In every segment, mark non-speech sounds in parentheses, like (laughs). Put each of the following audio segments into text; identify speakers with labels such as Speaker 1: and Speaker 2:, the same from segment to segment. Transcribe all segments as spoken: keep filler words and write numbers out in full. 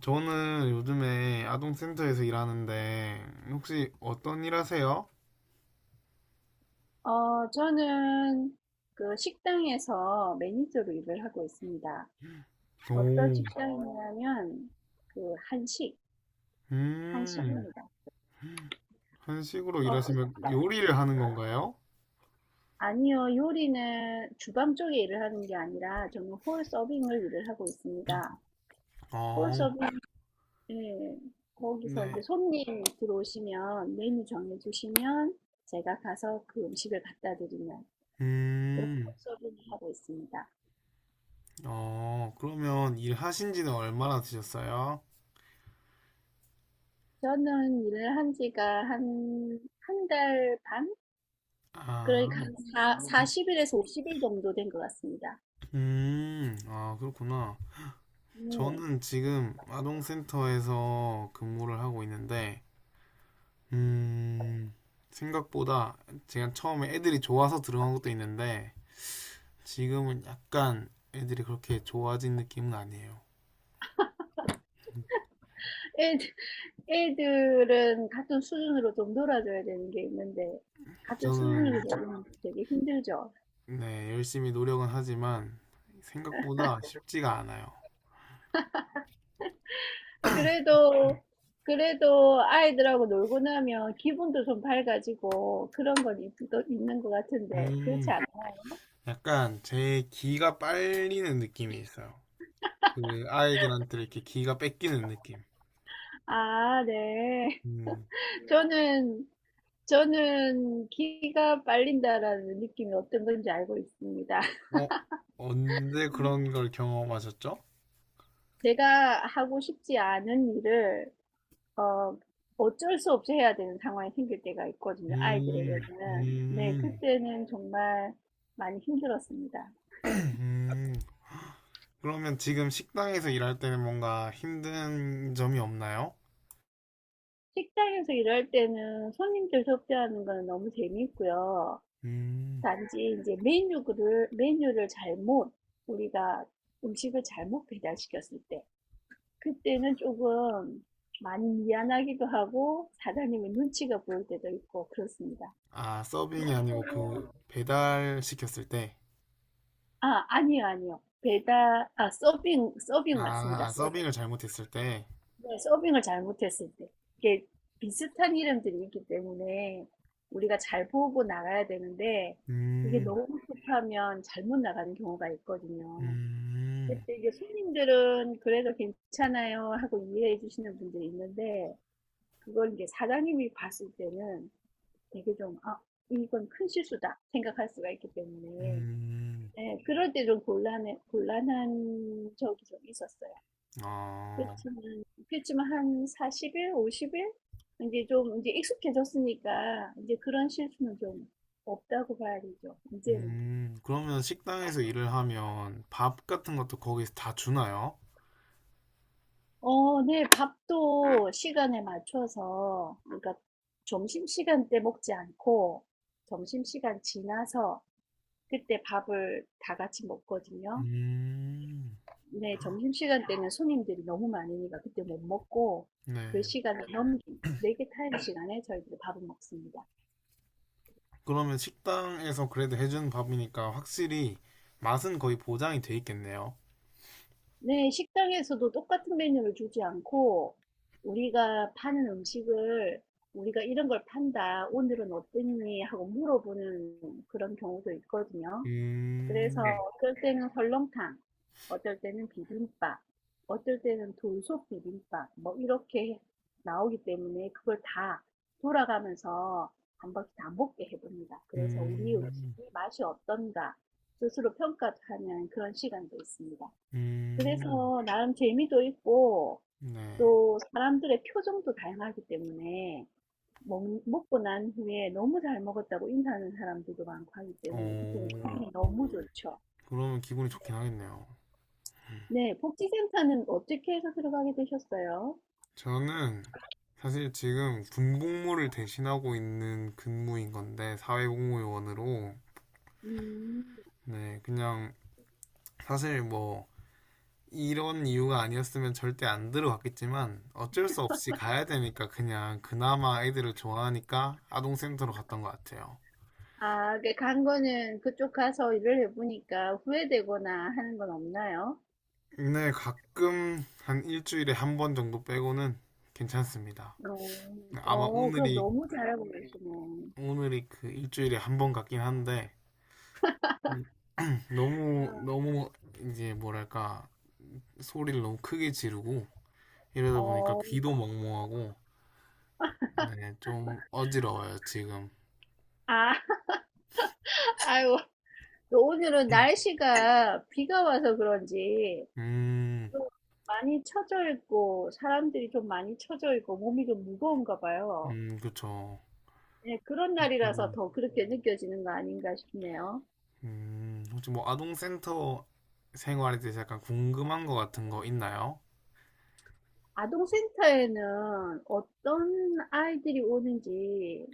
Speaker 1: 저는 요즘에 아동센터에서 일하는데 혹시 어떤 일 하세요?
Speaker 2: 어, 저는 그 식당에서 매니저로 일을 하고 있습니다. 어떤 어,
Speaker 1: 오.
Speaker 2: 식당이냐면 그 한식,
Speaker 1: 음,
Speaker 2: 한식입니다.
Speaker 1: 한식으로
Speaker 2: 어, 그-
Speaker 1: 일하시면 요리를 하는 건가요?
Speaker 2: 아니요, 요리는 주방 쪽에 일을 하는 게 아니라 저는 홀 서빙을 일을 하고 있습니다. 홀
Speaker 1: 어,
Speaker 2: 서빙, 예, 거기서 이제
Speaker 1: 네.
Speaker 2: 손님 들어오시면 메뉴 정해주시면 제가 가서 그 음식을 갖다 드리는 그런
Speaker 1: 음,
Speaker 2: 홀 서빙을 하고 있습니다.
Speaker 1: 어, 그러면 일하신 지는 얼마나 되셨어요?
Speaker 2: 저는 일을 한 지가 한, 한 달 반? 그러니까
Speaker 1: 아,
Speaker 2: 한 사, 사십 일에서 오십 일 정도 된 것 같습니다.
Speaker 1: 음, 아, 그렇구나.
Speaker 2: 음,
Speaker 1: 저는 지금 아동센터에서 근무를 하고 있는데, 음, 생각보다 제가 처음에 애들이 좋아서 들어간 것도 있는데, 지금은 약간 애들이 그렇게 좋아진 느낌은 아니에요.
Speaker 2: 애들, 애들은 같은 수준으로 좀 놀아줘야 되는 게 있는데, 같은 수준으로
Speaker 1: 저는
Speaker 2: 놀면 되게 힘들죠.
Speaker 1: 네, 열심히 노력은 하지만 생각보다 쉽지가 않아요.
Speaker 2: 그래도, 그래도 아이들하고 놀고 나면 기분도 좀 밝아지고 그런 건 있- 또 있는 것 같은데, 그렇지
Speaker 1: 음,
Speaker 2: 않아요?
Speaker 1: 약간 제 기가 빨리는 느낌이 있어요. 그 아이들한테 이렇게 기가 뺏기는 느낌.
Speaker 2: 아, 네.
Speaker 1: 음,
Speaker 2: 저는, 저는 기가 빨린다라는 느낌이 어떤 건지 알고 있습니다.
Speaker 1: 어, 언제 그런
Speaker 2: (laughs)
Speaker 1: 걸 경험하셨죠?
Speaker 2: 제가 하고 싶지 않은 일을 어, 어쩔 수 없이 해야 되는 상황이 생길 때가 있거든요.
Speaker 1: 음,
Speaker 2: 아이들에게는. 네,
Speaker 1: 음,
Speaker 2: 그때는 정말 많이 힘들었습니다.
Speaker 1: (clears throat) 음. 그러면 지금 식당에서 일할 때는 뭔가 힘든 점이 없나요?
Speaker 2: 식당에서 일할 때는 손님들 접대하는 거는 너무 재미있고요.
Speaker 1: 음.
Speaker 2: 단지 이제 메뉴를 메뉴를 잘못 우리가 음식을 잘못 배달시켰을 때 그때는 조금 많이 미안하기도 하고 사장님의 눈치가 보일 때도 있고 그렇습니다.
Speaker 1: 아, 서빙이 아니고 그 배달 시켰을 때.
Speaker 2: 아, 아니요, 아니요. 배달, 아, 서빙, 서빙
Speaker 1: 아,
Speaker 2: 맞습니다.
Speaker 1: 아,
Speaker 2: 서,
Speaker 1: 서빙을 잘못했을 때.
Speaker 2: 네, 서빙을 잘못했을 때. 이게 비슷한 이름들이 있기 때문에 우리가 잘 보고 나가야 되는데 이게
Speaker 1: 음,
Speaker 2: 너무 급하면 잘못 나가는 경우가 있거든요.
Speaker 1: 음,
Speaker 2: 그때 이제 손님들은 그래도 괜찮아요 하고 이해해 주시는 분들이 있는데 그걸 이제 사장님이 봤을 때는 되게 좀, 아, 이건 큰 실수다 생각할 수가 있기 때문에
Speaker 1: 음,
Speaker 2: 네, 그럴 때 좀 곤란해, 곤란한 적이 좀 있었어요.
Speaker 1: 어,
Speaker 2: 그렇지만, 그렇지만 한 사십 일, 오십 일? 이제 좀, 이제 익숙해졌으니까, 이제 그런 실수는 좀 없다고 봐야 되죠, 이제는.
Speaker 1: 음. 그러면 식당에서 일을 하면 밥 같은 것도 거기서 다 주나요?
Speaker 2: 어, 네, 밥도 시간에 맞춰서, 그러니까 점심시간 때 먹지 않고, 점심시간 지나서, 그때 밥을 다 같이 먹거든요.
Speaker 1: 음,
Speaker 2: 네, 점심시간 때는 손님들이 너무 많으니까 그때 못 먹고 그
Speaker 1: 네.
Speaker 2: 시간을 넘긴 브레이크 타임 시간에 저희들이 밥을 먹습니다.
Speaker 1: 그러면 식당에서 그래도 해주는 밥이니까 확실히 맛은 거의 보장이 돼 있겠네요.
Speaker 2: 네, 식당에서도 똑같은 메뉴를 주지 않고 우리가 파는 음식을 우리가 이런 걸 판다, 오늘은 어땠니? 하고 물어보는 그런 경우도 있거든요. 그래서 네.
Speaker 1: 음,
Speaker 2: 어떨 때는 설렁탕, 어떨 때는 비빔밥, 어떨 때는 돌솥 비빔밥, 뭐 이렇게 나오기 때문에 그걸 다 돌아가면서 한 번씩 다 먹게 해봅니다. 그래서 우리
Speaker 1: 음,
Speaker 2: 음식이 맛이 어떤가 스스로 평가하는 그런 시간도 있습니다.
Speaker 1: 음,
Speaker 2: 그래서 나름 재미도 있고
Speaker 1: 네.
Speaker 2: 또 사람들의 표정도 다양하기 때문에 먹, 먹고 난 후에 너무 잘 먹었다고 인사하는 사람들도 많고 하기 때문에 그때는
Speaker 1: 오.
Speaker 2: 너무 좋죠.
Speaker 1: 그러면 기분이 좋긴 하겠네요. 음.
Speaker 2: 네. 복지센터는 어떻게 해서 들어가게 되셨어요?
Speaker 1: 저는 사실 지금 군복무를 대신하고 있는 근무인 건데 사회복무요원으로.
Speaker 2: 음.
Speaker 1: 네, 그냥 사실 뭐 이런 이유가 아니었으면 절대 안 들어갔겠지만 어쩔 수 없이 가야 되니까 그냥 그나마 애들을 좋아하니까 아동센터로 갔던 것 같아요.
Speaker 2: 아, 그 간 거는 그쪽 가서 일을 해 보니까 후회되거나 하는 건 없나요?
Speaker 1: 네, 가끔 한 일주일에 한 번 정도 빼고는 괜찮습니다.
Speaker 2: 어.
Speaker 1: 아마
Speaker 2: 어, 그럼
Speaker 1: 오늘이
Speaker 2: 너무 잘하고 계시네.
Speaker 1: 오늘이 그 일주일에 한 번 같긴 한데 너무 너무 이제 뭐랄까 소리를 너무 크게 지르고 이러다 보니까
Speaker 2: 어.
Speaker 1: 귀도 멍멍하고 네, 좀 어지러워요 지금.
Speaker 2: 아. (laughs) 아유, 또 오늘은
Speaker 1: (clears throat)
Speaker 2: 날씨가 비가 와서 그런지
Speaker 1: 음,
Speaker 2: 좀 많이 처져 있고 사람들이 좀 많이 처져 있고 몸이 좀 무거운가 봐요.
Speaker 1: 음, 그쵸.
Speaker 2: 네, 그런 날이라서 더 그렇게 느껴지는 거 아닌가 싶네요.
Speaker 1: 음, 혹시 뭐 아동센터 생활에 대해서 약간 궁금한 거 같은 거 있나요?
Speaker 2: 아동센터에는 어떤 아이들이 오는지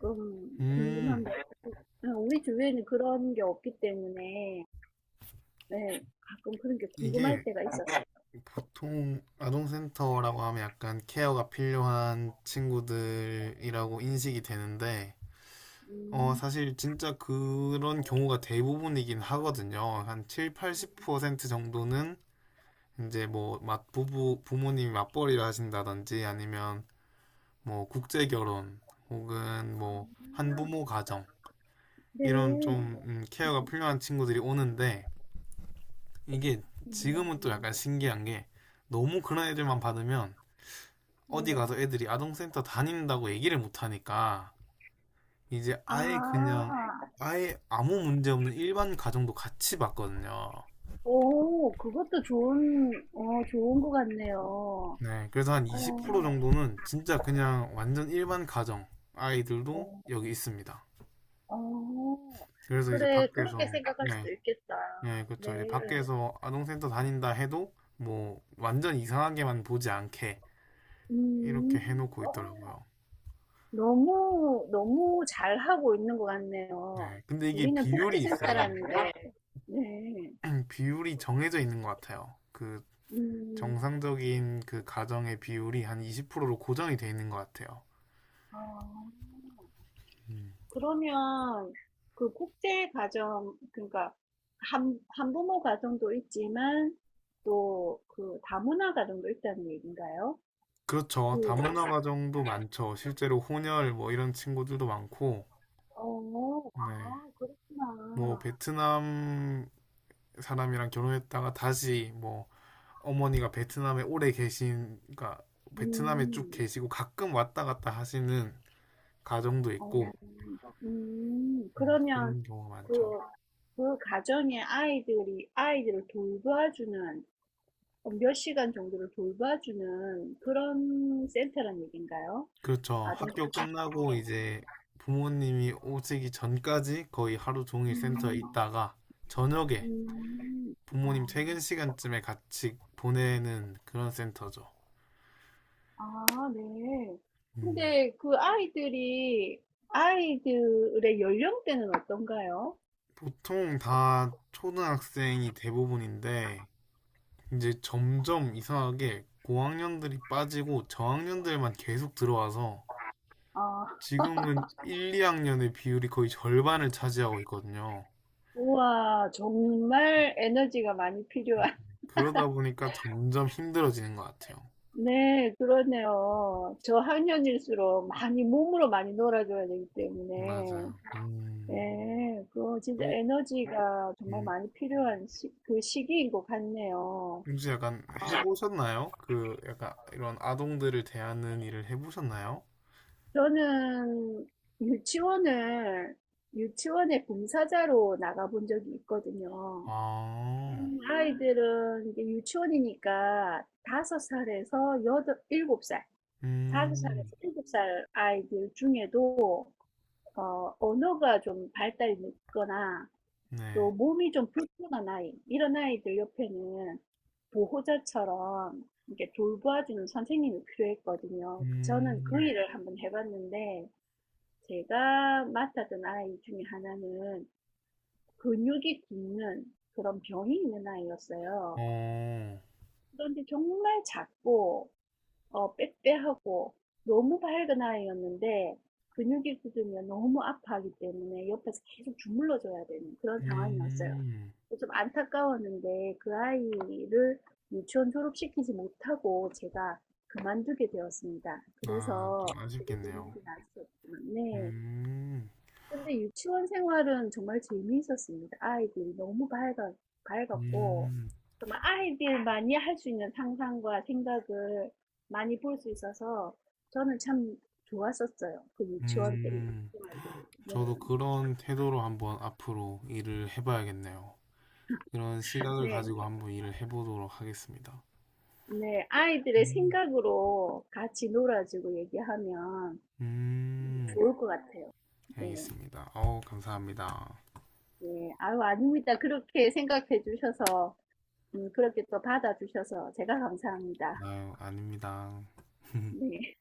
Speaker 2: 조금
Speaker 1: 음,
Speaker 2: 궁금합니다. 네, 우리 주위에는 그런 게 없기 때문에 네, 가끔 그런 게 궁금할
Speaker 1: 이게
Speaker 2: 때가 있어요.
Speaker 1: 보통 아동센터라고 하면 약간 케어가 필요한 친구들이라고 인식이 되는데 어,
Speaker 2: 음,
Speaker 1: 사실 진짜 그런 경우가 대부분이긴 하거든요. 한 칠, 팔십 퍼센트 정도는 이제 뭐 맞부부 부모님이 맞벌이를 하신다든지 아니면 뭐 국제 결혼 혹은 뭐 한부모 가정 이런
Speaker 2: 네.
Speaker 1: 좀 음, 케어가 필요한 친구들이 오는데 이게 지금은 또
Speaker 2: 음,
Speaker 1: 약간 신기한 게 너무 그런 애들만 받으면 어디
Speaker 2: 네.
Speaker 1: 가서 애들이 아동센터 다닌다고 얘기를 못 하니까 이제
Speaker 2: 아,
Speaker 1: 아예 그냥 아예 아무 문제 없는 일반 가정도 같이 봤거든요.
Speaker 2: 오, 그것도 좋은, 어, 좋은 것 같네요. 어,
Speaker 1: 네, 그래서 한 이십 퍼센트 정도는 진짜 그냥 완전 일반 가정 아이들도
Speaker 2: 어,
Speaker 1: 여기 있습니다.
Speaker 2: 어.
Speaker 1: 그래서 이제
Speaker 2: 그래, 그렇게
Speaker 1: 밖에서.
Speaker 2: 생각할
Speaker 1: 네,
Speaker 2: 수도 있겠다.
Speaker 1: 네,
Speaker 2: 네.
Speaker 1: 그렇죠. 이제 밖에서 아동센터 다닌다 해도 뭐 완전 이상하게만 보지 않게
Speaker 2: 음,
Speaker 1: 이렇게 해놓고
Speaker 2: 어.
Speaker 1: 있더라고요.
Speaker 2: 너무, 너무 잘하고 있는 것 같네요.
Speaker 1: 네, 근데 이게
Speaker 2: 우리는
Speaker 1: 비율이 있어요.
Speaker 2: 복지센터라는데, (laughs) 네.
Speaker 1: 음, 비율이 정해져 있는 것 같아요. 그
Speaker 2: 음,
Speaker 1: 정상적인 그 가정의 비율이 한 이십 퍼센트로 고정이 돼 있는 것 같아요.
Speaker 2: 어,
Speaker 1: 음.
Speaker 2: 그러면 그 국제 가정, 그러니까 한, 한부모 가정도 있지만 또 그 다문화 가정도 있다는 얘기인가요?
Speaker 1: 그렇죠.
Speaker 2: 그,
Speaker 1: 다문화
Speaker 2: 그렇죠.
Speaker 1: 가정도 많죠. 실제로 혼혈 뭐 이런 친구들도 많고,
Speaker 2: 어,
Speaker 1: 네.
Speaker 2: 아,
Speaker 1: 뭐
Speaker 2: 그렇구나.
Speaker 1: 베트남 사람이랑 결혼했다가 다시 뭐 어머니가 베트남에 오래 계신, 그러니까 베트남에 쭉
Speaker 2: 음,
Speaker 1: 계시고 가끔 왔다 갔다 하시는 가정도
Speaker 2: 어,
Speaker 1: 있고,
Speaker 2: 음,
Speaker 1: 음,
Speaker 2: 그러면
Speaker 1: 그런 경우가 많죠.
Speaker 2: 그 그 가정에 아이들이 아이들을 돌봐주는 어, 몇 시간 정도를 돌봐주는 그런 센터란 얘기인가요?
Speaker 1: 그렇죠.
Speaker 2: 아동 프로
Speaker 1: 학교
Speaker 2: 그렇죠.
Speaker 1: 끝나고 이제 부모님이 오시기 전까지 거의 하루 종일 센터에
Speaker 2: 음,
Speaker 1: 있다가 저녁에
Speaker 2: 음, 아,
Speaker 1: 부모님 퇴근 시간쯤에 같이 보내는 그런 센터죠.
Speaker 2: 아, 네.
Speaker 1: 음.
Speaker 2: 근데 그 아이들이 아이들의 연령대는 어떤가요?
Speaker 1: 보통 다 초등학생이 대부분인데 이제 점점 이상하게 고학년들이 빠지고 저학년들만 계속 들어와서
Speaker 2: 아,
Speaker 1: 지금은 일, 이 학년의 비율이 거의 절반을 차지하고 있거든요.
Speaker 2: 우와, 정말 에너지가 많이 필요한. (laughs)
Speaker 1: 그러다 보니까 점점 힘들어지는 것 같아요.
Speaker 2: 네, 그러네요. 저학년일수록 많이 몸으로 많이 놀아줘야 되기 때문에.
Speaker 1: 맞아요. 음.
Speaker 2: 네, 그거 진짜
Speaker 1: 어?
Speaker 2: 에너지가 정말
Speaker 1: 음.
Speaker 2: 많이 필요한 시, 그 시기인 것 같네요.
Speaker 1: 혹시 약간 해보셨나요? 그 약간 이런 아동들을 대하는 일을 해보셨나요?
Speaker 2: 저는 유치원을, 유치원의 봉사자로 나가본 적이 있거든요.
Speaker 1: 아.
Speaker 2: 음, 아이들은 이제 유치원이니까 다섯 살에서 여덟, 일곱 살 다섯 살에서
Speaker 1: 음.
Speaker 2: 일곱 살 아이들 중에도 어, 언어가 좀 발달이 늦거나 또
Speaker 1: 네.
Speaker 2: 몸이 좀 불편한 아이, 이런 아이들 옆에는 보호자처럼 이렇게 돌봐주는 선생님이 필요했거든요. 그 저는 그
Speaker 1: 음.
Speaker 2: 일을 한번 해봤는데, 제가 맡았던 아이 중에 하나는 근육이 굳는 그런 병이 있는 아이였어요.
Speaker 1: 어.
Speaker 2: 그런데 정말 작고, 어, 빼빼하고, 너무 밝은 아이였는데, 근육이 굳으면 너무 아파하기 때문에 옆에서 계속 주물러줘야 되는 그런 상황이었어요.
Speaker 1: 음.
Speaker 2: 좀 안타까웠는데 그 아이를 유치원 졸업시키지 못하고 제가 그만두게 되었습니다.
Speaker 1: 아,
Speaker 2: 그래서
Speaker 1: 좀
Speaker 2: 어떻게
Speaker 1: 아쉽겠네요.
Speaker 2: 됐는지 알 수 없지만, 네.
Speaker 1: 음.
Speaker 2: 근데 유치원 생활은 정말 재미있었습니다. 아이들이 너무 밝아, 밝았고,
Speaker 1: 음.
Speaker 2: 정말 아이들만이 할 수 있는 상상과 생각을 많이 볼 수 있어서 저는 참 좋았었어요. 그 유치원 때
Speaker 1: 음.
Speaker 2: 생활이. 네.
Speaker 1: 저도 그런 태도로 한번 앞으로 일을 해봐야겠네요. 그런 시각을
Speaker 2: 네.
Speaker 1: 가지고 한번 일을 해보도록 하겠습니다.
Speaker 2: 네, 아이들의
Speaker 1: 음.
Speaker 2: 생각으로 같이 놀아주고 얘기하면
Speaker 1: 음.
Speaker 2: 좋을 것 같아요. 네,
Speaker 1: 알겠습니다. 어우, 감사합니다.
Speaker 2: 네, 아유, 아닙니다. 그렇게 생각해 주셔서, 음, 그렇게 또 받아주셔서 제가 감사합니다.
Speaker 1: 아유, 아닙니다. (laughs)
Speaker 2: 네.